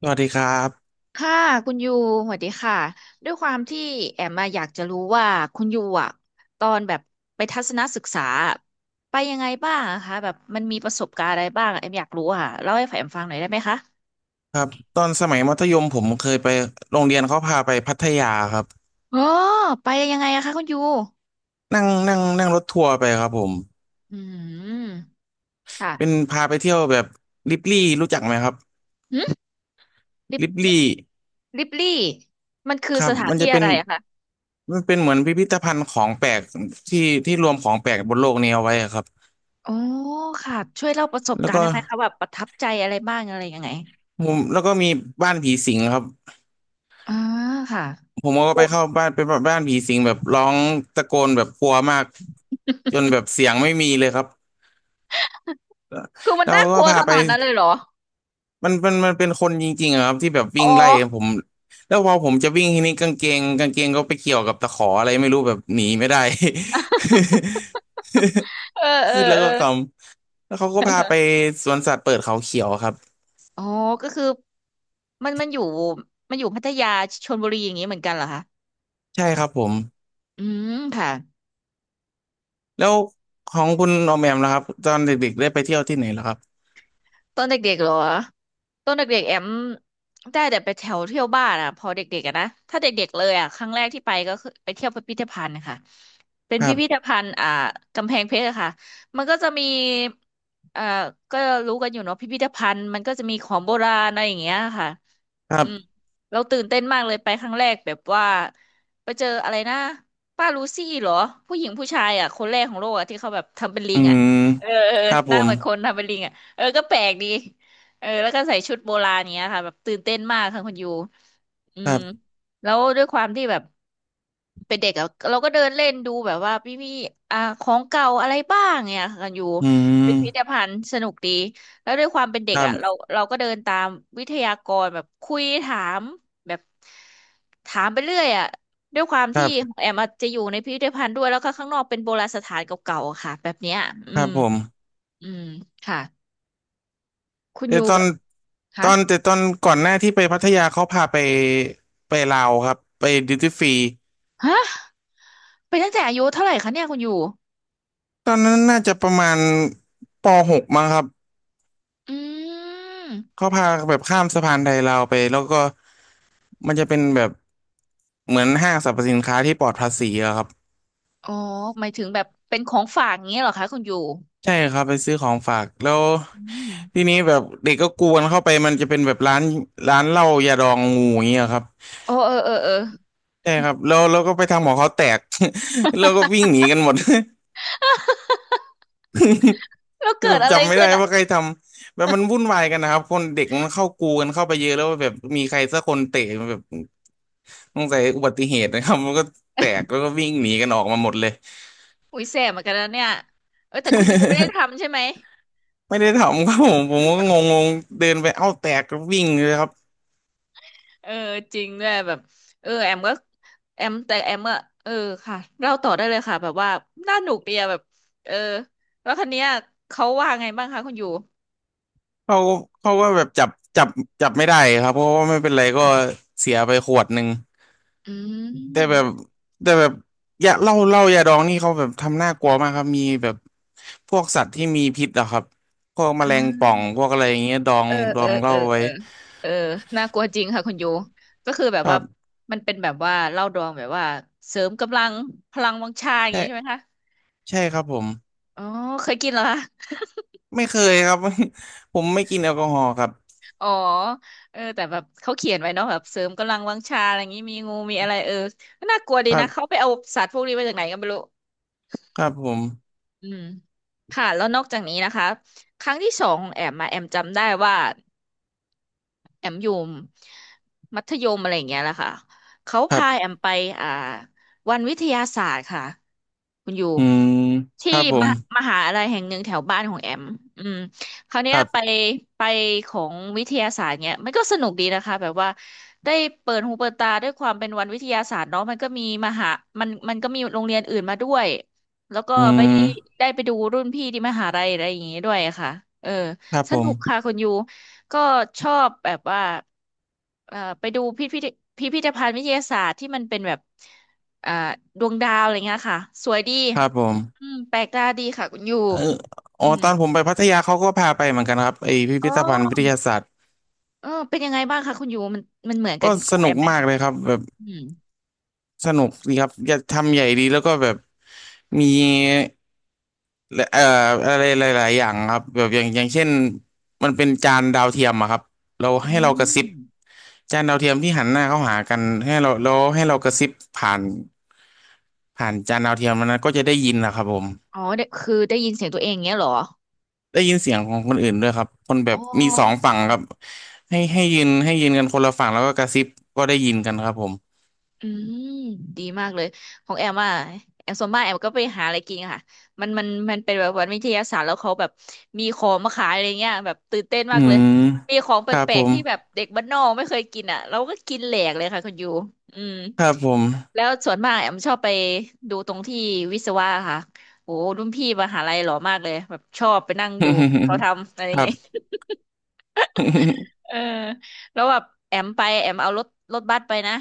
สวัสดีครับค่ะคุณยูสวัสดีค่ะด้วยความที่แอมมาอยากจะรู้ว่าคุณยูตอนแบบไปทัศนศึกษาไปยังไงบ้างอะคะแบบมันมีประสบการณ์อะไรบ้างแอมอยากรู้อ่ะเล่าให้แอมฟังหน่อยได้ไหมคะครับตอนสมัยมัธยมผมเคยไปโรงเรียนเขาพาไปพัทยาครับอ๋อไปยังไงอะคะคุณยูนั่งนั่งนั่งรถทัวร์ไปครับผมอืมค่ะเป็นพาไปเที่ยวแบบลิบลี่รู้จักไหมครับหึลิบลิบลิลี่บลิบลี่มันคือครัสบถานที่อะไรอะคะมันเป็นเหมือนพิพิธภัณฑ์ของแปลกที่ที่รวมของแปลกบนโลกนี้เอาไว้อะครับอ๋อค่ะช่วยเล่าประสบแล้วการณ์ก็ได้ไหมคะแบบประทับใจอะไรบ้างอะไรยังไงมุมแล้วก็มีบ้านผีสิงครับอ่าค่ะผมก็อุ๊ไปยเข้าบ้านเป็นบ้านผีสิงแบบร้องตะโกนแบบกลัวมากจนแบบเสียงไม่มีเลยครับคือมันแล้วน่ากก็ลัวพาขไป นาดนั้นเลยเหรอ มันเป็นคนจริงๆอะครับที่แบบอ๋วิ่งอ ไล่ผมแล้วพอผมจะวิ่งทีนี้กางเกงก็ไปเกี่ยวกับตะขออะไรไม่รู้แบบหนีไม่ได้ เออ เออคิดแล้วเออก็ขำแล้วเขาก็พาไปสวนสัตว์เปิดเขาเขียวครับอ๋อก็คือมันอยู่มันอยู่พัทยาชลบุรีอย่างนี้เหมือนกันเหรอคะใช่ครับผมอืมค่ะแล้วของคุณออมแอมนะครับตอนเด็กๆได้ไปเที่ยวที่ไหนแล้วครับตอนเด็กๆเหรอตอนเด็กๆแอมได้แต่ไปแถวเที่ยวบ้านอ่ะพอเด็กๆอะนะถ้าเด็กๆเลยอ่ะครั้งแรกที่ไปก็คือไปเที่ยวพิพิธภัณฑ์ค่ะเป็นครัพิพิธบภัณฑ์อ่ากำแพงเพชรอะค่ะมันก็จะมีเอ่อก็รู้กันอยู่เนาะพิพิธภัณฑ์มันก็จะมีของโบราณอะไรอย่างเงี้ยค่ะ ครัอืมบเราตื่นเต้นมากเลยไปครั้งแรกแบบว่าไปเจออะไรนะป้าลูซี่เหรอผู้หญิงผู้ชายอ่ะคนแรกของโลกอ่ะที่เขาแบบทำเป็นลิอืงอ่ะมเออเออครับหผน้ามเหมือนคนทำเป็นลิงอ่ะเออก็แปลกดีเออแล้วก็ใส่ชุดโบราณเนี้ยค่ะแบบตื่นเต้นมากค่ะคุณยูอืครัมบแล้วด้วยความที่แบบเป็นเด็กอะเราก็เดินเล่นดูแบบว่าพี่อ่าของเก่าอะไรบ้างเนี่ยค่ะกันอยู่อืเป็นพิพิธมภัณฑ์สนุกดี แล้วด้วยความเป็นเด็คกรัอ่ะเราบเราก็เดินตามวิทยากรแบบคุยถามแบบถามไปเรื่อยอ่ะด้วยความคที่รัขบองแอมอาจจะอยู่ในพิพิธภัณฑ์ด้วยแล้วก็ข้างนอกเป็นโบราณสถานเก่าๆอะค่ะแบบเนี้ยอืครัมบผมอืมค่ะคุณแต่ยูตอแบน บตคะอนแต่ตอนก่อนหน้าที่ไปพัทยาเขาพาไปไปลาวครับไปดิวตี้ฟรีฮะไปตั้งแต่อายุเท่าไหร่คะเนี่ยคุณยูตอนนั้นน่าจะประมาณป .6 มั้งครับอืมเขาพาแบบข้ามสะพานไทยลาวไปแล้วก็มันจะเป็นแบบเหมือนห้างสรรพสินค้าที่ปลอดภาษีอะครับอ๋อหมายถึงแบบเป็นของฝากอย่างเงี้ยเหรอคะคุณยูใช่ครับไปซื้อของฝากแล้วอืมทีนี้แบบเด็กก็กวนเข้าไปมันจะเป็นแบบร้านเหล้ายาดองงูอย่างเงี้ยครับโอ้เออเออเออ ใช่ครับแล้วก็ไปทำของเขาแตก แล้วก็วิ่งหนีกันหมด แล้วคือเกิแบดบอะไรจำไม่ขึ้ได้นอ่ะ ว่าใครทำแบบมันวุ่นวายกันนะครับคนเด็กมันเข้ากูกันเข้าไปเยอะแล้วแบบมีใครสักคนเตะแบบสงสัยอุบัติเหตุนะครับมันก็แตกแล้วก็วิ่งหนีกันออกมาหมดเลย อุ้ยแสบเหมือนกันนะเนี่ยเออแต่คุณยูไม่ได้ ทำใช่ไหมไม่ได้ทำครับผมผมก็งงๆเดินไปเอ้าแตกก็วิ่งเลยครับเออจริงด้วยแบบเออแอมก็แอมแต่แอมเออค่ะเล่าต่อได้เลยค่ะแบบว่าน่าหนุกดีอะแบบเออแล้วคันเนี้ยเขาว่าไงบ้างคะคุณยูเขาเขาก็แบบจับจับไม่ได้ครับเพราะว่าไม่เป็นไรก็เสียไปขวดหนึ่ง อืแต่แบมบแต่แบบยาเหล้าเหล้ายาดองนี่เขาแบบทำน่ากลัวมากครับมีแบบพวกสัตว์ที่มีพิษอะครับพวกแมอ่ลงป่าองพวกอะไรอย่างเงี้ยดองเออดเออองเหเออล้าเอไว้อเออน่ากลัวจริงค่ะคุณยูก็คือแบบครัว่าบมันเป็นแบบว่าเหล้าดองแบบว่าเสริมกำลังพลังวังชาอย่างใช่งี้ใช่ไหมคะใช่ครับผมอ๋อเคยกินเหรอคะ ไม่เคยครับ ผมไม่กินแอลกอฮอล์ครับอ๋อเออแต่แบบเขาเขียนไว้เนาะแบบเสริมกำลังวังชาอะไรอย่างนี้มีงูมีอะไรเออก็น่ากลัวดีครันะเขาบไปเอาสัตว์พวกนี้มาจากไหนก็ไม่รู้ครับผมอืมค่ะแล้วนอกจากนี้นะคะครั้งที่สองของแอมมาแอมจำได้ว่า แอมอยู่มัธยมอะไรอย่างเงี้ยแหละค่ะเขาครัพาบแอมไปอ่าวันวิทยาศาสตร์ค่ะคุณอยู่อืมคที่รับผมมหามหาอะไรแห่งหนึ่งแถวบ้านของแอมอืมคราวคเนี้ยรัไปบไปของวิทยาศาสตร์เนี้ยมันก็สนุกดีนะคะแบบว่าได้เปิดหูเปิดตาด้วยความเป็นวันวิทยาศาสตร์เนาะมันก็มีมหามันก็มีโรงเรียนอื่นมาด้วยแล้วก็อืไม่ได้มได้ไปดูรุ่นพี่ที่มหาลัยอะไรอย่างงี้ด้วยอะค่ะเออครับสผนุกค่ะมคุณยู ก็ชอบแบบว่าไปดูพิพิธภัณฑ์วิทยาศาสตร์ที่มันเป็นแบบเอ่อดวงดาวอะไรเงี้ยค่ะสวยดีครับผมอืมแปลกตาดีค่ะคุณยูเอออ๋อือมตอนผมไปพัทยาเขาก็พาไปเหมือนกันครับไอพิอ๋พิอธภัณฑ์วิทยาศาสตร์เออเป็นยังไงบ้างคะคุณยูมันมันเหมือนกัก็นขสองแอนุกมไหมมากเลยครับแบบ อืมสนุกดีครับอยากทำใหญ่ดีแล้วก็แบบมีเอ่ออะไรหลายๆอย่างครับแบบอย่างอย่างเช่นมันเป็นจานดาวเทียมอะครับอืเรากระซิบมจานดาวเทียมที่หันหน้าเข้าหากันให้เราแล้วให้เรากระซิบผ่านจานดาวเทียมมันนะก็จะได้ยินนะครับผมอ๋อเดี่คือได้ยินเสียงตัวเองเงี้ยเหรอได้ยินเสียงของคนอื่นด้วยครับคนแบอ๋บอ มีสองฝั่งครับให้ยืนกันคนละฝั่งแล้วก็กระซิบก็ได้ยินกันครับผมอืมดีมากเลยของแอมอ่ะแอมส่วนมากแอมก็ไปหาอะไรกินค่ะมันเป็นแบบวันวิทยาศาสตร์แล้วเขาแบบมีของมาขายอะไรเงี้ยแบบตื่นเต้นมาอืกเลยมมีของแปครับลผกๆมที่แบบเด็กบ้านนอกไม่เคยกินอ่ะเราก็กินแหลกเลยค่ะคุณยูอืมครับผม แล้วส่วนมากแอมชอบไปดูตรงที่วิศวะค่ะโอ้รุ่นพี่มหาลัยหล่อมากเลยแบบชอบไปนั่งดูเขาทำอะไร ครัเงี้ยบ เออแล้วแบบแอมไปแอมเอารถรถบัสไปนะ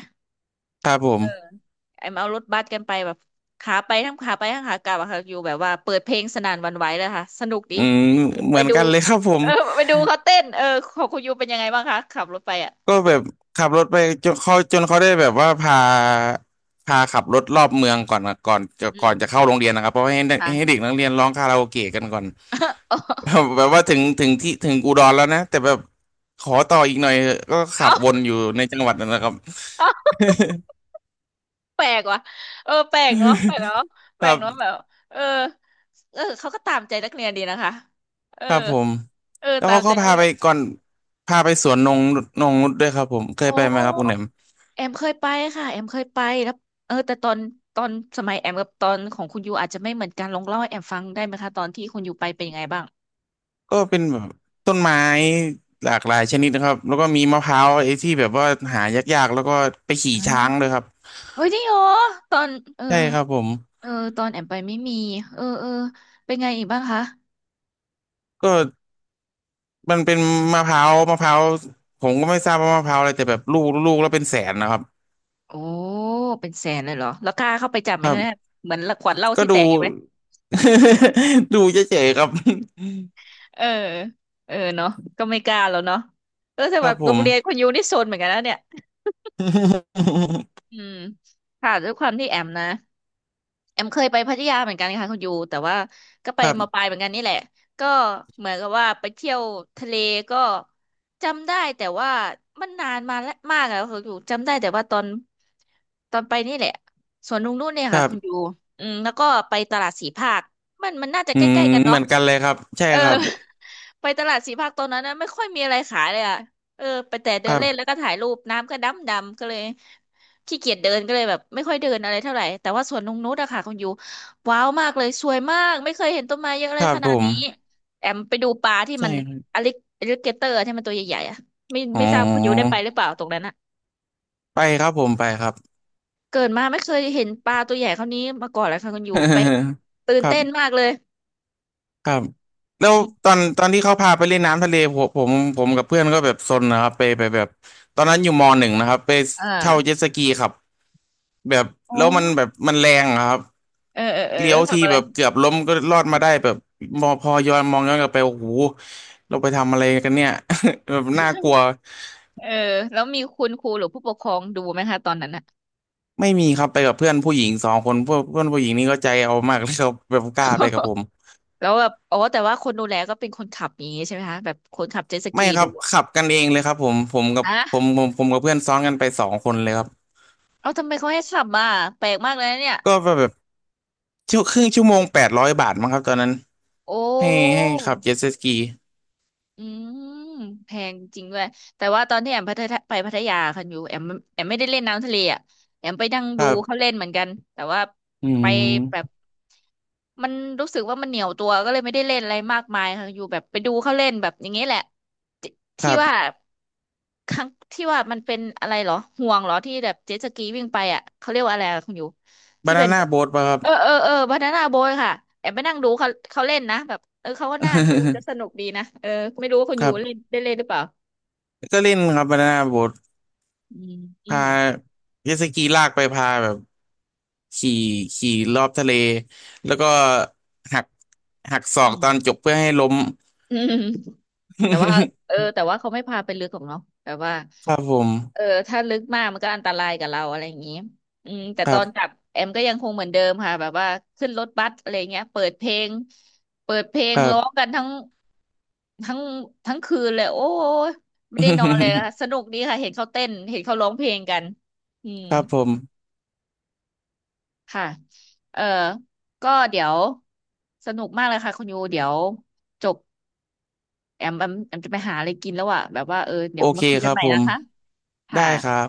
ครับผเออมไอ้มาเอารถบัสกันไปแบบขาไปทั้งขาไปทั้งขากลับอะค่ะอยู่แบบว่าเปิดเพลงสนั่นหวั่นไหวเลยค่ะสนุกดีอืมเหไปมือนดูกันเลยครับผมเออไปดูเขาเต้นเออของคุณยูเป็นยังไงบ้างคะขับรถไปอ่ะก็แบบขับรถไปจนเขาได้แบบว่าพาขับรถรอบเมืองก่อนนะอืก่อมนจะเข้าโรงเรียนนะครับเพราะว่าให้เด็กให้เด็ค่ะ กนักเรียนร้องคาราโอเกะกันก่อน แบ บแบบว่าถึงอุดรแล้วนะแต่แบบขอต่ออีกหน่อยเถอะก็ขัเอ้าบวนอยู่ในจังหวัดนั่นแหละครับ เอาแปลกว่ะเออแปลกเนาะแปคลรักบเนาะแบบเออ เออเขาก็ตามใจนักเรียนดีนะคะ เออ ครับผมเออแล้วตาเขามใจก็นักพาเรีไปยนก่อนพาไปสวนนงนุชด้วยครับผมเคโอยไปไหมครับคุณแหน้ ม แอมเคยไปค่ะแอมเคยไปแล้วเออแต่ตอนสมัยแอมกับตอนของคุณยูอาจจะไม่เหมือนกันลองเล่าให้แอมฟังได้ไหมคะตอนที่คุณยูไปเป็นยังไงบ้างก็เป็นแบบต้นไม้หลากหลายชนิดนะครับแล้วก็มีมะพร้าวไอ้ที่แบบว่าหายากๆแล้วก็ไปขี่ช้างอ่าเลยครับเฮ้ยจริงเหรอตอนเออใช่ครับผมเออตอนแอมไปไม่มีเออเออเป็นไงอีกบ้างคะก็มันเป็นมะพร้าวผมก็ไม่ทราบว่ามะพร้าวอะไรแต่แบบลูกแล้วเป็นแสนนะครับโอ้เป็นแสนเลยเหรอแล้วกล้าเข้าไปจับไหคมรัคะเนี่ยบเหมือนขวดเหล้าก็ที่แตดู กอยู่ไหม ดูเฉยๆครับเออเออเนาะก็ไม่กล้าแล้วเนาะเออแต่คแบรับบผโรงมเรียนคุณยูนี่โซนเหมือนกันนะเนี่ยอืมค่ะด้วยความที่แอมนะ แอมเคยไปพัทยาเหมือนกันค่ะคุณยูแต่ว่าก็ไปครัมาปบลายเหมือนกันนี่แหละก็เหมือนกับว่าไปเที่ยวทะเลก็จำได้แต่ว่ามันนานมาแล้วมากแล้วคุณยูจำได้แต่ว่าตอนไปนี่แหละสวนลุงนู่นเนี่ยคค่ะรัคุณบยูอืมแล้วก็ไปตลาดสีภาคมันน่าจะอืใกมล้ๆกันเหเนาะ มือนกันเลยครับใช่เออ ครับ ไปตลาดสีภาคตอนนั้นนะไม่ค่อยมีอะไรขายเลยอ่ะเออไปแต่คเดินรัเล่นแล้วบก็ถ่ายรูปน้ำก็ดำดำก็เลยขี้เกียจเดินก็เลยแบบไม่ค่อยเดินอะไรเท่าไหร่แต่ว่าสวนนงนุชอะค่ะคุณยูว้าวมากเลยสวยมากไม่เคยเห็นต้นไม้เยอะเลคยรับขผนาดมนี้แอมไปดูปลาที่ใช่มันครับอลิอลิเกเตอร์ที่มันตัวใหญ่ๆอะไม่อ๋อไม่ทราบคุณยูได้ไปหรือเปล่าตรงนั้นอะไปครับผมไปครับ เกิดมาไม่เคยเห็นปลาตัวใหญ่เท่านี้มาก่อนเลยค่ะคุณยูไป ตื่คนรัเต้นบ มากเลยครับแล้วอืตมอนตอนที่เขาพาไปเล่นน้ำทะเลผมกับเพื่อนก็แบบซนนะครับไปไปแบบตอนนั้นอยู่มหนึ่งนะครับไปอ่าเช่าเจ็ตสกีครับแบบโอ้แล้วมันแบบมันแรงอะครับเออเออเออเลี้ยแล้ววทีทำอะไร แบบเกือบล้มก็รอดมาได้แบบมอพอย้อนกลับไปโอ้โหเราไปทำอะไรกันเนี่ย แบบน่ากลัวเออแล้วมีคุณครูหรือผู้ปกครองดูไหมคะตอนนั้นอะ ไม่มีครับไปกับเพื่อนผู้หญิงสองคนเพื่อนเพื่อนผู้หญิงนี่ก็ใจเอามากเลยครับแบบกล้าไปกับผ มแล้วแบบอ๋อแต่ว่าคนดูแลก็เป็นคนขับอย่างงี้ใช่ไหมคะแบบคนขับเจ็ตสไม่กีครัดูบอะขับกันเองเลยครับผมผมกับฮะผมกับเพื่อนซ้อนกันไปสองคนเลยครับเอาทำไมเขาให้ขับมาแปลกมากเลยนะเนี่ยก็แบบ ชั่วครึ่งชั่วโมงแปดร้อยบาทมั้งครับตอนนั้นโอให้้ขับเจ็ตสกีอืมแพงจริงด้วยแต่ว่าตอนที่แอมพัทยาไปพัทยาคันอยู่แอมแอมไม่ได้เล่นน้ำทะเลอะแอมไปนั่งคดูรัเขาบเล่นเหมือนกันแต่ว่าอืไปแบบมมันรู้สึกว่ามันเหนียวตัวก็เลยไม่ได้เล่นอะไรมากมายค่ะอยู่แบบไปดูเขาเล่นแบบอย่างนี้แหละที่คที่รัว่า บครั้งที่ว่ามันเป็นอะไรเหรอห่วงเหรอที่แบบเจ็ตสกีวิ่งไปอ่ะเขาเรียกว่าอะไรอะคุณอยู่ที่บาเป็นานน่าโบ๊ทป่ะครับ เออเออเออบานาน่าโบยค่ะแอบไปนั่งดูเขาเขาเล่นนะแบบเออเขาก็น่าดูจะสนุก ดีนะเออไม่รู้ว่าคุณคอยู่รัเล่นบได้เล่นหรือเปล่าก็เล่นครับบานาน่าโบ๊ทอืมอืพามเจ็ตสกีลากไปพาแบบขี่ขี่รอบทะเลแล้วก็หักหักศอกอืตอนจบเพื่อให้ล้ม มอืม แต่ว่าเออแต่ว่าเขาไม่พาไปลึกหรอกเนาะแบบว่า ครับผมเออถ้าลึกมากมันก็อันตรายกับเราอะไรอย่างนี้อืมแต่คตรัอนกลับบแอมก็ยังคงเหมือนเดิมค่ะแบบว่าขึ้นรถบัสอะไรเงี้ยเปิดเพลงเปิดเพลคงรัร้บ องกันทั้งทั้งคืนเลยโอ้ยไม่ได้นอนเลยค่ะส นุกดีค่ะเห็นเขาเต้นเห็นเขาร้องเพลงกันอืมครับผมค่ะเออก็เดี๋ยวสนุกมากเลยค่ะคุณยูเดี๋ยวจบ แอมจะไปหาอะไรกินแล้วอ่ะแบบว่าเออเดี๋โอยวเคมาคุยคกันรับใหม่ผนะมคะได้ค่ะครับ